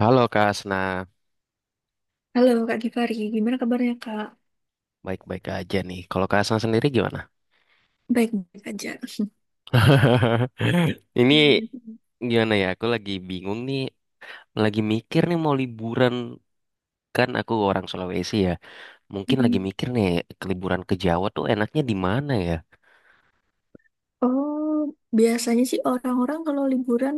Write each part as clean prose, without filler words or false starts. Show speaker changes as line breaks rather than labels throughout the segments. Halo Kak Asna,
Halo Kak Givari, gimana kabarnya Kak?
baik-baik aja nih. Kalau Kak Asna sendiri gimana?
Baik-baik aja.
Ini gimana ya? Aku lagi bingung nih, lagi mikir nih mau liburan, kan aku orang Sulawesi ya. Mungkin lagi
Mm.
mikir nih ke liburan ke Jawa tuh enaknya di mana ya?
Oh, biasanya sih orang-orang kalau liburan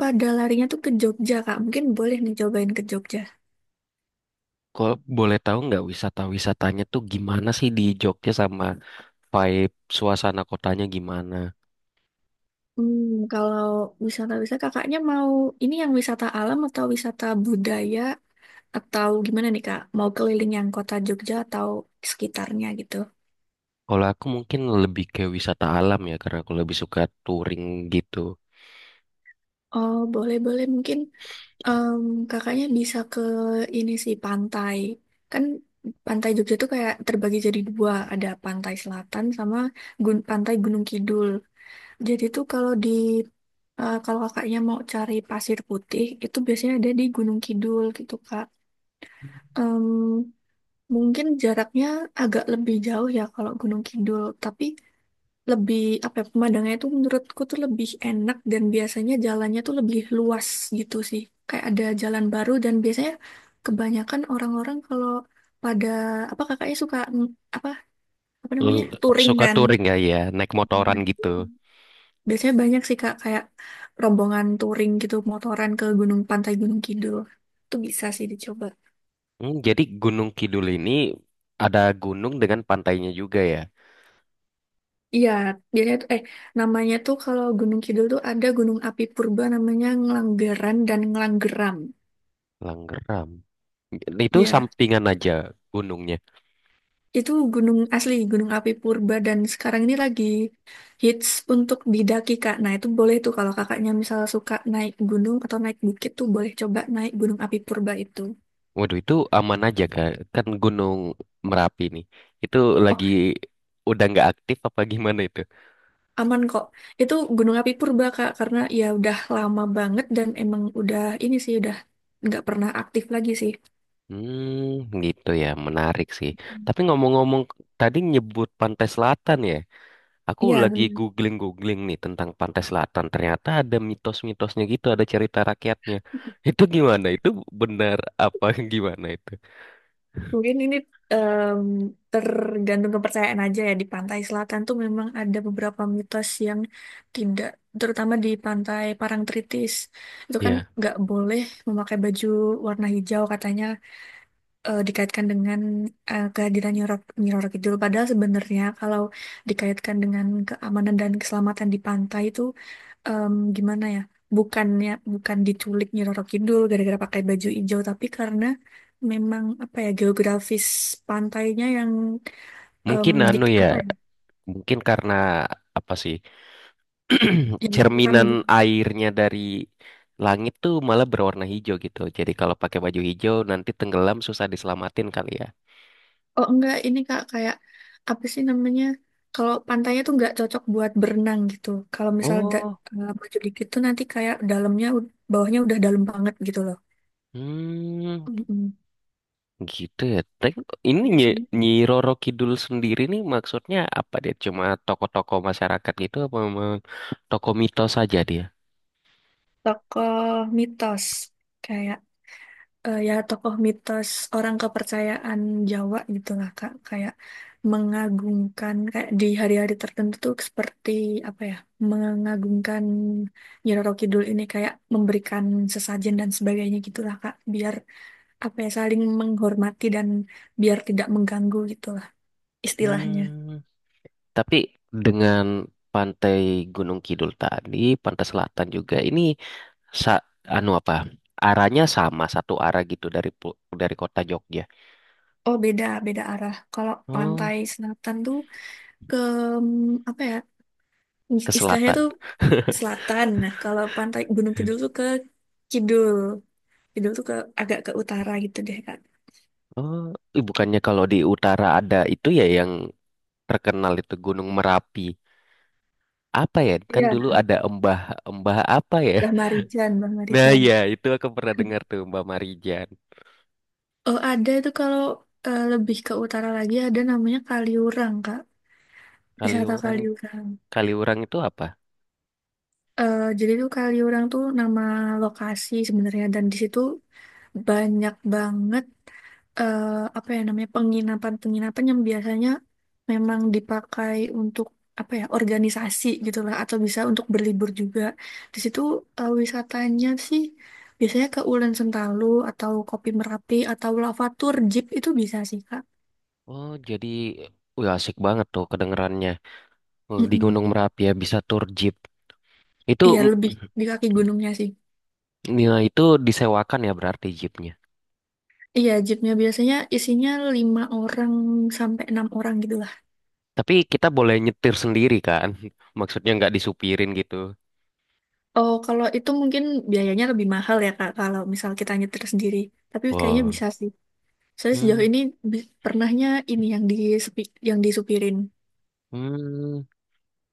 pada larinya tuh ke Jogja Kak. Mungkin boleh nih cobain ke Jogja.
Kalau boleh tahu nggak wisata-wisatanya tuh gimana sih di Jogja sama vibe suasana kotanya gimana?
Hmm, kalau wisata-wisata kakaknya mau ini yang wisata alam atau wisata budaya atau gimana nih Kak? Mau keliling yang kota Jogja atau sekitarnya gitu?
Kalau aku mungkin lebih ke wisata alam ya karena aku lebih suka touring gitu.
Oh, boleh-boleh mungkin. Em, Kakaknya bisa ke ini sih pantai. Kan pantai Jogja tuh kayak terbagi jadi dua, ada pantai selatan sama pantai Gunung Kidul. Jadi tuh kalau kakaknya mau cari pasir putih itu biasanya ada di Gunung Kidul gitu Kak. Em, Mungkin jaraknya agak lebih jauh ya kalau Gunung Kidul, tapi lebih apa ya, pemandangannya tuh menurutku tuh lebih enak dan biasanya jalannya tuh lebih luas gitu sih. Kayak ada jalan baru dan biasanya kebanyakan orang-orang kalau pada apa kakaknya suka apa apa
Eh,
namanya touring
Suka
kan.
touring ya ya, naik motoran
Nah,
gitu.
biasanya banyak sih kak kayak rombongan touring gitu motoran ke Gunung Pantai Gunung Kidul. Itu bisa sih dicoba.
Hmm, jadi Gunung Kidul ini ada gunung dengan pantainya juga ya.
Iya, biasanya tuh eh namanya tuh kalau Gunung Kidul tuh ada Gunung Api Purba namanya Ngelanggeran dan Ngelanggeram.
Langgeram. Itu
Iya.
sampingan aja gunungnya.
Itu gunung asli, gunung api purba dan sekarang ini lagi hits untuk didaki Kak. Nah, itu boleh tuh kalau kakaknya misalnya suka naik gunung atau naik bukit tuh boleh coba naik gunung api purba itu.
Waduh, itu aman aja kan? Kan Gunung Merapi nih. Itu
Oh,
lagi udah nggak aktif apa gimana itu?
aman kok. Itu gunung api purba Kak karena ya udah lama banget dan emang udah ini sih udah nggak pernah aktif lagi sih.
Hmm, gitu ya. Menarik sih. Tapi ngomong-ngomong, tadi nyebut Pantai Selatan ya. Aku
Iya,
lagi
benar.
googling-googling nih tentang Pantai Selatan. Ternyata ada mitos-mitosnya gitu, ada cerita rakyatnya. Itu gimana? Itu benar apa gimana itu?
Mungkin ini em, tergantung kepercayaan aja ya di pantai selatan tuh memang ada beberapa mitos yang tidak, terutama di pantai Parangtritis itu kan
Ya,
nggak boleh memakai baju warna hijau katanya, dikaitkan dengan kehadiran Nyi Roro Kidul, padahal sebenarnya kalau dikaitkan dengan keamanan dan keselamatan di pantai itu gimana ya, bukannya bukan diculik Nyi Roro Kidul gara-gara pakai baju hijau tapi karena memang apa ya geografis pantainya yang em,
mungkin anu
dik
ya,
apa ya
mungkin karena apa sih?
yang curam
Cerminan
gitu.
airnya dari langit tuh malah berwarna hijau gitu. Jadi kalau pakai baju hijau nanti tenggelam susah diselamatin kali ya.
Oh enggak ini kak kayak apa sih namanya, kalau pantainya tuh nggak cocok buat berenang gitu kalau misal
Oh,
baju dikit tuh nanti kayak bawahnya udah dalam banget gitu loh.
hmm.
Mm-mm.
Gitu ya. Tapi ini Nyi,
Biasanya
Nyi Roro Kidul sendiri nih maksudnya apa dia? Cuma tokoh-tokoh masyarakat gitu apa memang tokoh mitos saja dia?
tokoh mitos kayak ya tokoh mitos, orang kepercayaan Jawa gitu lah Kak, kayak mengagungkan kayak di hari-hari tertentu tuh seperti apa ya, mengagungkan Nyiroro Kidul ini kayak memberikan sesajen dan sebagainya gitulah Kak biar apa ya saling menghormati dan biar tidak mengganggu gitulah istilahnya.
Hmm. Tapi dengan Pantai Gunung Kidul tadi, Pantai Selatan juga ini sa- anu apa? Arahnya sama satu arah gitu dari dari kota Jogja.
Oh beda, beda arah. Kalau
Oh,
pantai selatan tuh ke apa ya,
ke
istilahnya
selatan.
tuh ke selatan. Nah, kalau pantai Gunung Kidul tuh ke kidul. Kidul tuh ke agak ke utara gitu deh, Kak.
Oh, ih, bukannya kalau di utara ada itu ya yang terkenal itu Gunung Merapi. Apa ya, kan
Iya,
dulu ada Embah Embah apa ya,
Mbah
nah
Marijan.
ya itu aku pernah dengar tuh Mbah Marijan.
Oh, ada itu kalau lebih ke utara lagi ada namanya Kaliurang, Kak.
Kali
Wisata
orang,
Kaliurang.
kali orang itu apa?
Eh, jadi tuh Kaliurang tuh nama lokasi sebenarnya dan di situ banyak banget, eh, apa ya namanya, penginapan-penginapan yang biasanya memang dipakai untuk apa ya organisasi gitulah atau bisa untuk berlibur juga. Di situ wisatanya sih biasanya ke Ulen Sentalu atau Kopi Merapi atau Lavatur Jeep itu bisa sih Kak.
Oh jadi wah asik banget tuh kedengerannya. Oh, di
Mm-mm.
Gunung Merapi ya bisa tur jeep itu.
Iya lebih di kaki gunungnya sih.
Ya, itu disewakan ya berarti jeepnya.
Iya, jeepnya biasanya isinya lima orang sampai enam orang gitu.
Tapi kita boleh nyetir sendiri kan, maksudnya nggak disupirin gitu.
Oh, kalau itu mungkin biayanya lebih mahal ya, Kak, kalau misal kita nyetir sendiri. Tapi kayaknya
Wow.
bisa sih. Saya
hmm,
sejauh ini pernahnya ini yang disepi, yang disupirin.
hmm.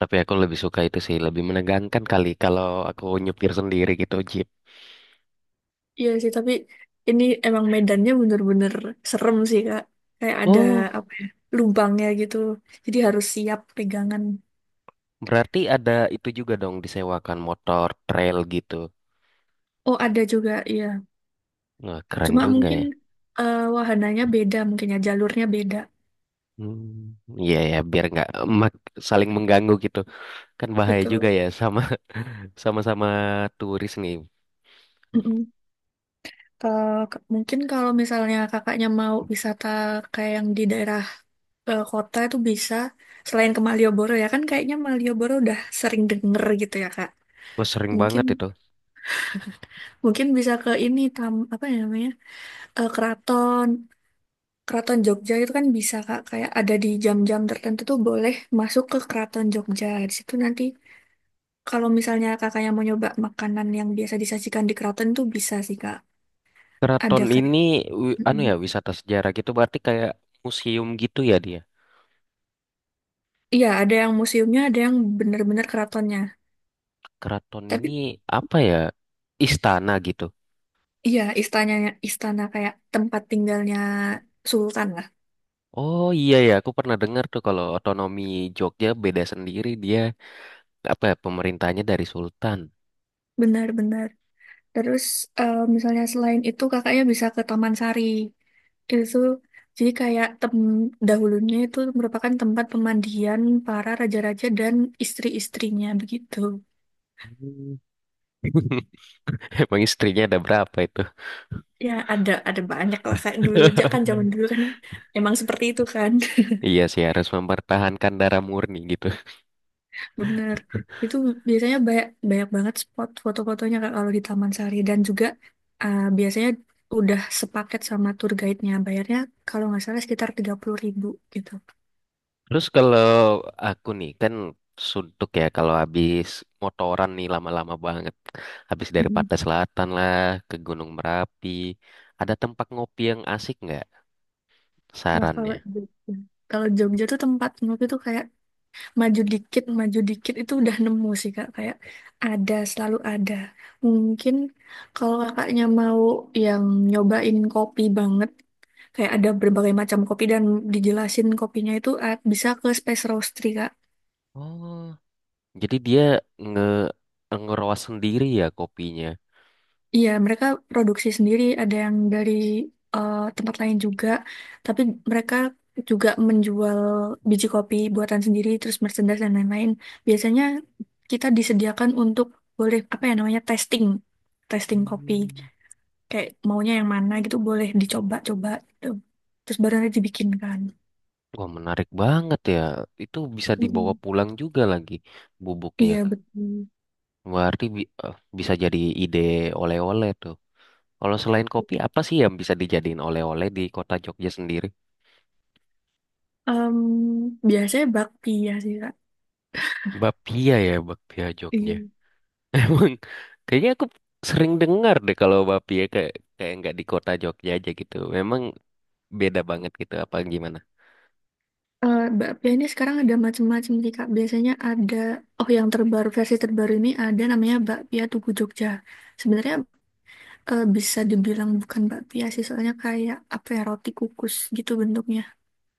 Tapi aku lebih suka itu sih, lebih menegangkan kali kalau aku nyupir sendiri gitu jeep.
Iya sih, tapi ini emang medannya bener-bener serem sih, Kak. Kayak ada
Oh,
apa ya, lubangnya gitu. Jadi harus siap pegangan.
berarti ada itu juga dong disewakan motor trail gitu.
Oh, ada juga, iya.
Wah, keren
Cuma
juga
mungkin
ya.
wahananya beda, mungkin ya jalurnya beda.
Hmm, iya ya, biar nggak mak- saling mengganggu gitu. Kan bahaya juga
Betul.
ya, sama sama-sama turis nih.
Mm-mm. Mungkin kalau misalnya kakaknya mau wisata kayak yang di daerah kota itu bisa, selain ke Malioboro ya kan kayaknya Malioboro udah sering denger gitu ya Kak.
Wah, sering
Mungkin
banget itu.
mungkin bisa ke ini tam apa ya namanya? Eh, keraton Keraton Jogja itu kan bisa Kak, kayak ada di jam-jam tertentu tuh boleh masuk ke Keraton Jogja. Di situ nanti kalau misalnya kakaknya mau nyoba makanan yang biasa disajikan di keraton tuh bisa sih Kak.
Keraton
Ada kayak
ini anu ya wisata sejarah gitu berarti kayak museum gitu ya dia.
iya, ada yang museumnya, ada yang bener-bener keratonnya.
Keraton
Tapi
ini apa ya? Istana gitu.
iya, istananya istana kayak tempat tinggalnya sultan lah.
Oh iya ya, aku pernah dengar tuh kalau otonomi Jogja beda sendiri dia, apa ya, pemerintahnya dari sultan.
Benar-benar. Terus misalnya selain itu kakaknya bisa ke Taman Sari. Itu jadi kayak tem dahulunya itu merupakan tempat pemandian para raja-raja dan istri-istrinya begitu.
Emang istrinya ada berapa itu?
Ya, ada banyak lah kayak dulu. Ja- Kan zaman dulu kan emang seperti itu kan.
Iya sih, harus mempertahankan darah murni gitu.
Bener. Itu biasanya banyak, banyak banget spot foto-fotonya Kak kalau di Taman Sari dan juga biasanya udah sepaket sama tour guide-nya. Bayarnya kalau nggak salah sekitar 30.000 gitu.
Terus kalau aku nih kan suntuk ya kalau habis motoran nih lama-lama banget. Habis dari
Mm-mm.
Pantai Selatan lah ke Gunung Merapi. Ada tempat ngopi yang asik nggak
Wah kalau
sarannya?
Jogja. Kalau Jogja tuh tempat menurut itu kayak maju dikit itu udah nemu sih Kak. Kayak ada, selalu ada. Mungkin kalau kakaknya mau yang nyobain kopi banget, kayak ada berbagai macam kopi dan dijelasin kopinya itu, bisa ke Space Roastery, Kak.
Oh, jadi dia nge ngeroas sendiri ya kopinya.
Iya, mereka produksi sendiri, ada yang dari tempat lain juga, tapi mereka juga menjual biji kopi buatan sendiri, terus merchandise dan lain-lain. Biasanya kita disediakan untuk boleh apa ya namanya testing, testing kopi.
Hmm.
Kayak maunya yang mana gitu boleh dicoba-coba gitu. Terus baru nanti dibikin kan.
Wah menarik banget ya. Itu bisa dibawa
Mm-mm.
pulang juga lagi bubuknya.
Iya betul.
Berarti bisa jadi ide oleh-oleh tuh. Kalau selain kopi, apa sih yang bisa dijadiin oleh-oleh di kota Jogja sendiri?
Em, Biasanya bakpia sih kak.
Bapia ya, bapia Jogja.
Iya.
Emang kayaknya aku sering dengar deh kalau bapia kayak kayak nggak di kota Jogja aja gitu. Memang beda banget gitu apa gimana?
Eh, bakpia ini sekarang ada macam-macam sih kak. Biasanya ada, oh yang terbaru, versi terbaru ini ada namanya bakpia Tugu Jogja. Sebenarnya bisa dibilang bukan bakpia sih, soalnya kayak apa ya, roti kukus gitu bentuknya.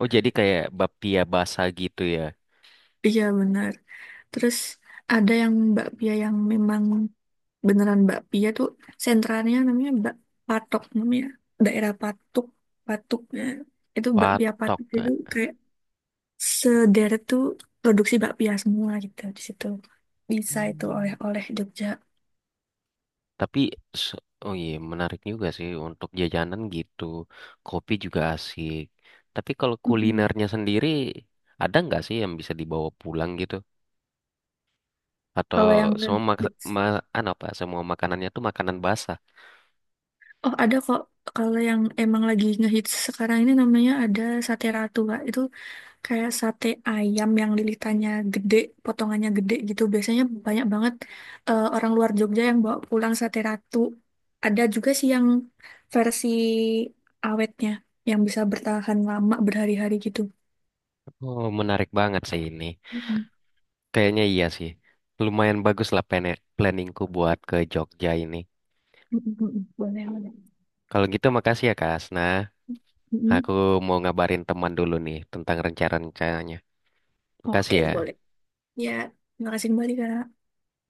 Oh jadi kayak bapia basah gitu ya?
Iya benar. Terus ada yang bakpia yang memang beneran bakpia tuh sentralnya namanya bak Patok namanya, daerah Patuk Patuk ya. Itu bakpia
Patok,
Patuk itu
nggak?
kayak sederet tuh produksi bakpia semua gitu di situ. Bisa itu
Hmm.
oleh-oleh Jogja.
Tapi, se- oh iya, menarik juga sih untuk jajanan gitu. Kopi juga asik. Tapi kalau
Mm.
kulinernya sendiri, ada nggak sih yang bisa dibawa pulang gitu? Atau
Kalau yang
semua
ngehits,
anu apa, semua makanannya tuh makanan basah?
oh ada kok. Kalau yang emang lagi ngehits sekarang ini namanya ada sate ratu, Kak. Itu kayak sate ayam yang lilitannya gede, potongannya gede gitu. Biasanya banyak banget orang luar Jogja yang bawa pulang sate ratu. Ada juga sih yang versi awetnya, yang bisa bertahan lama berhari-hari gitu.
Oh, menarik banget sih ini.
Mm-mm.
Kayaknya iya sih. Lumayan bagus lah planningku buat ke Jogja ini.
Mm-mm, boleh, boleh.
Kalau gitu makasih ya, Kak Asna. Aku
Mm-mm.
mau ngabarin teman dulu nih tentang rencana-rencananya.
Oke,
Makasih ya.
boleh. Ya, terima kasih kembali, Kak.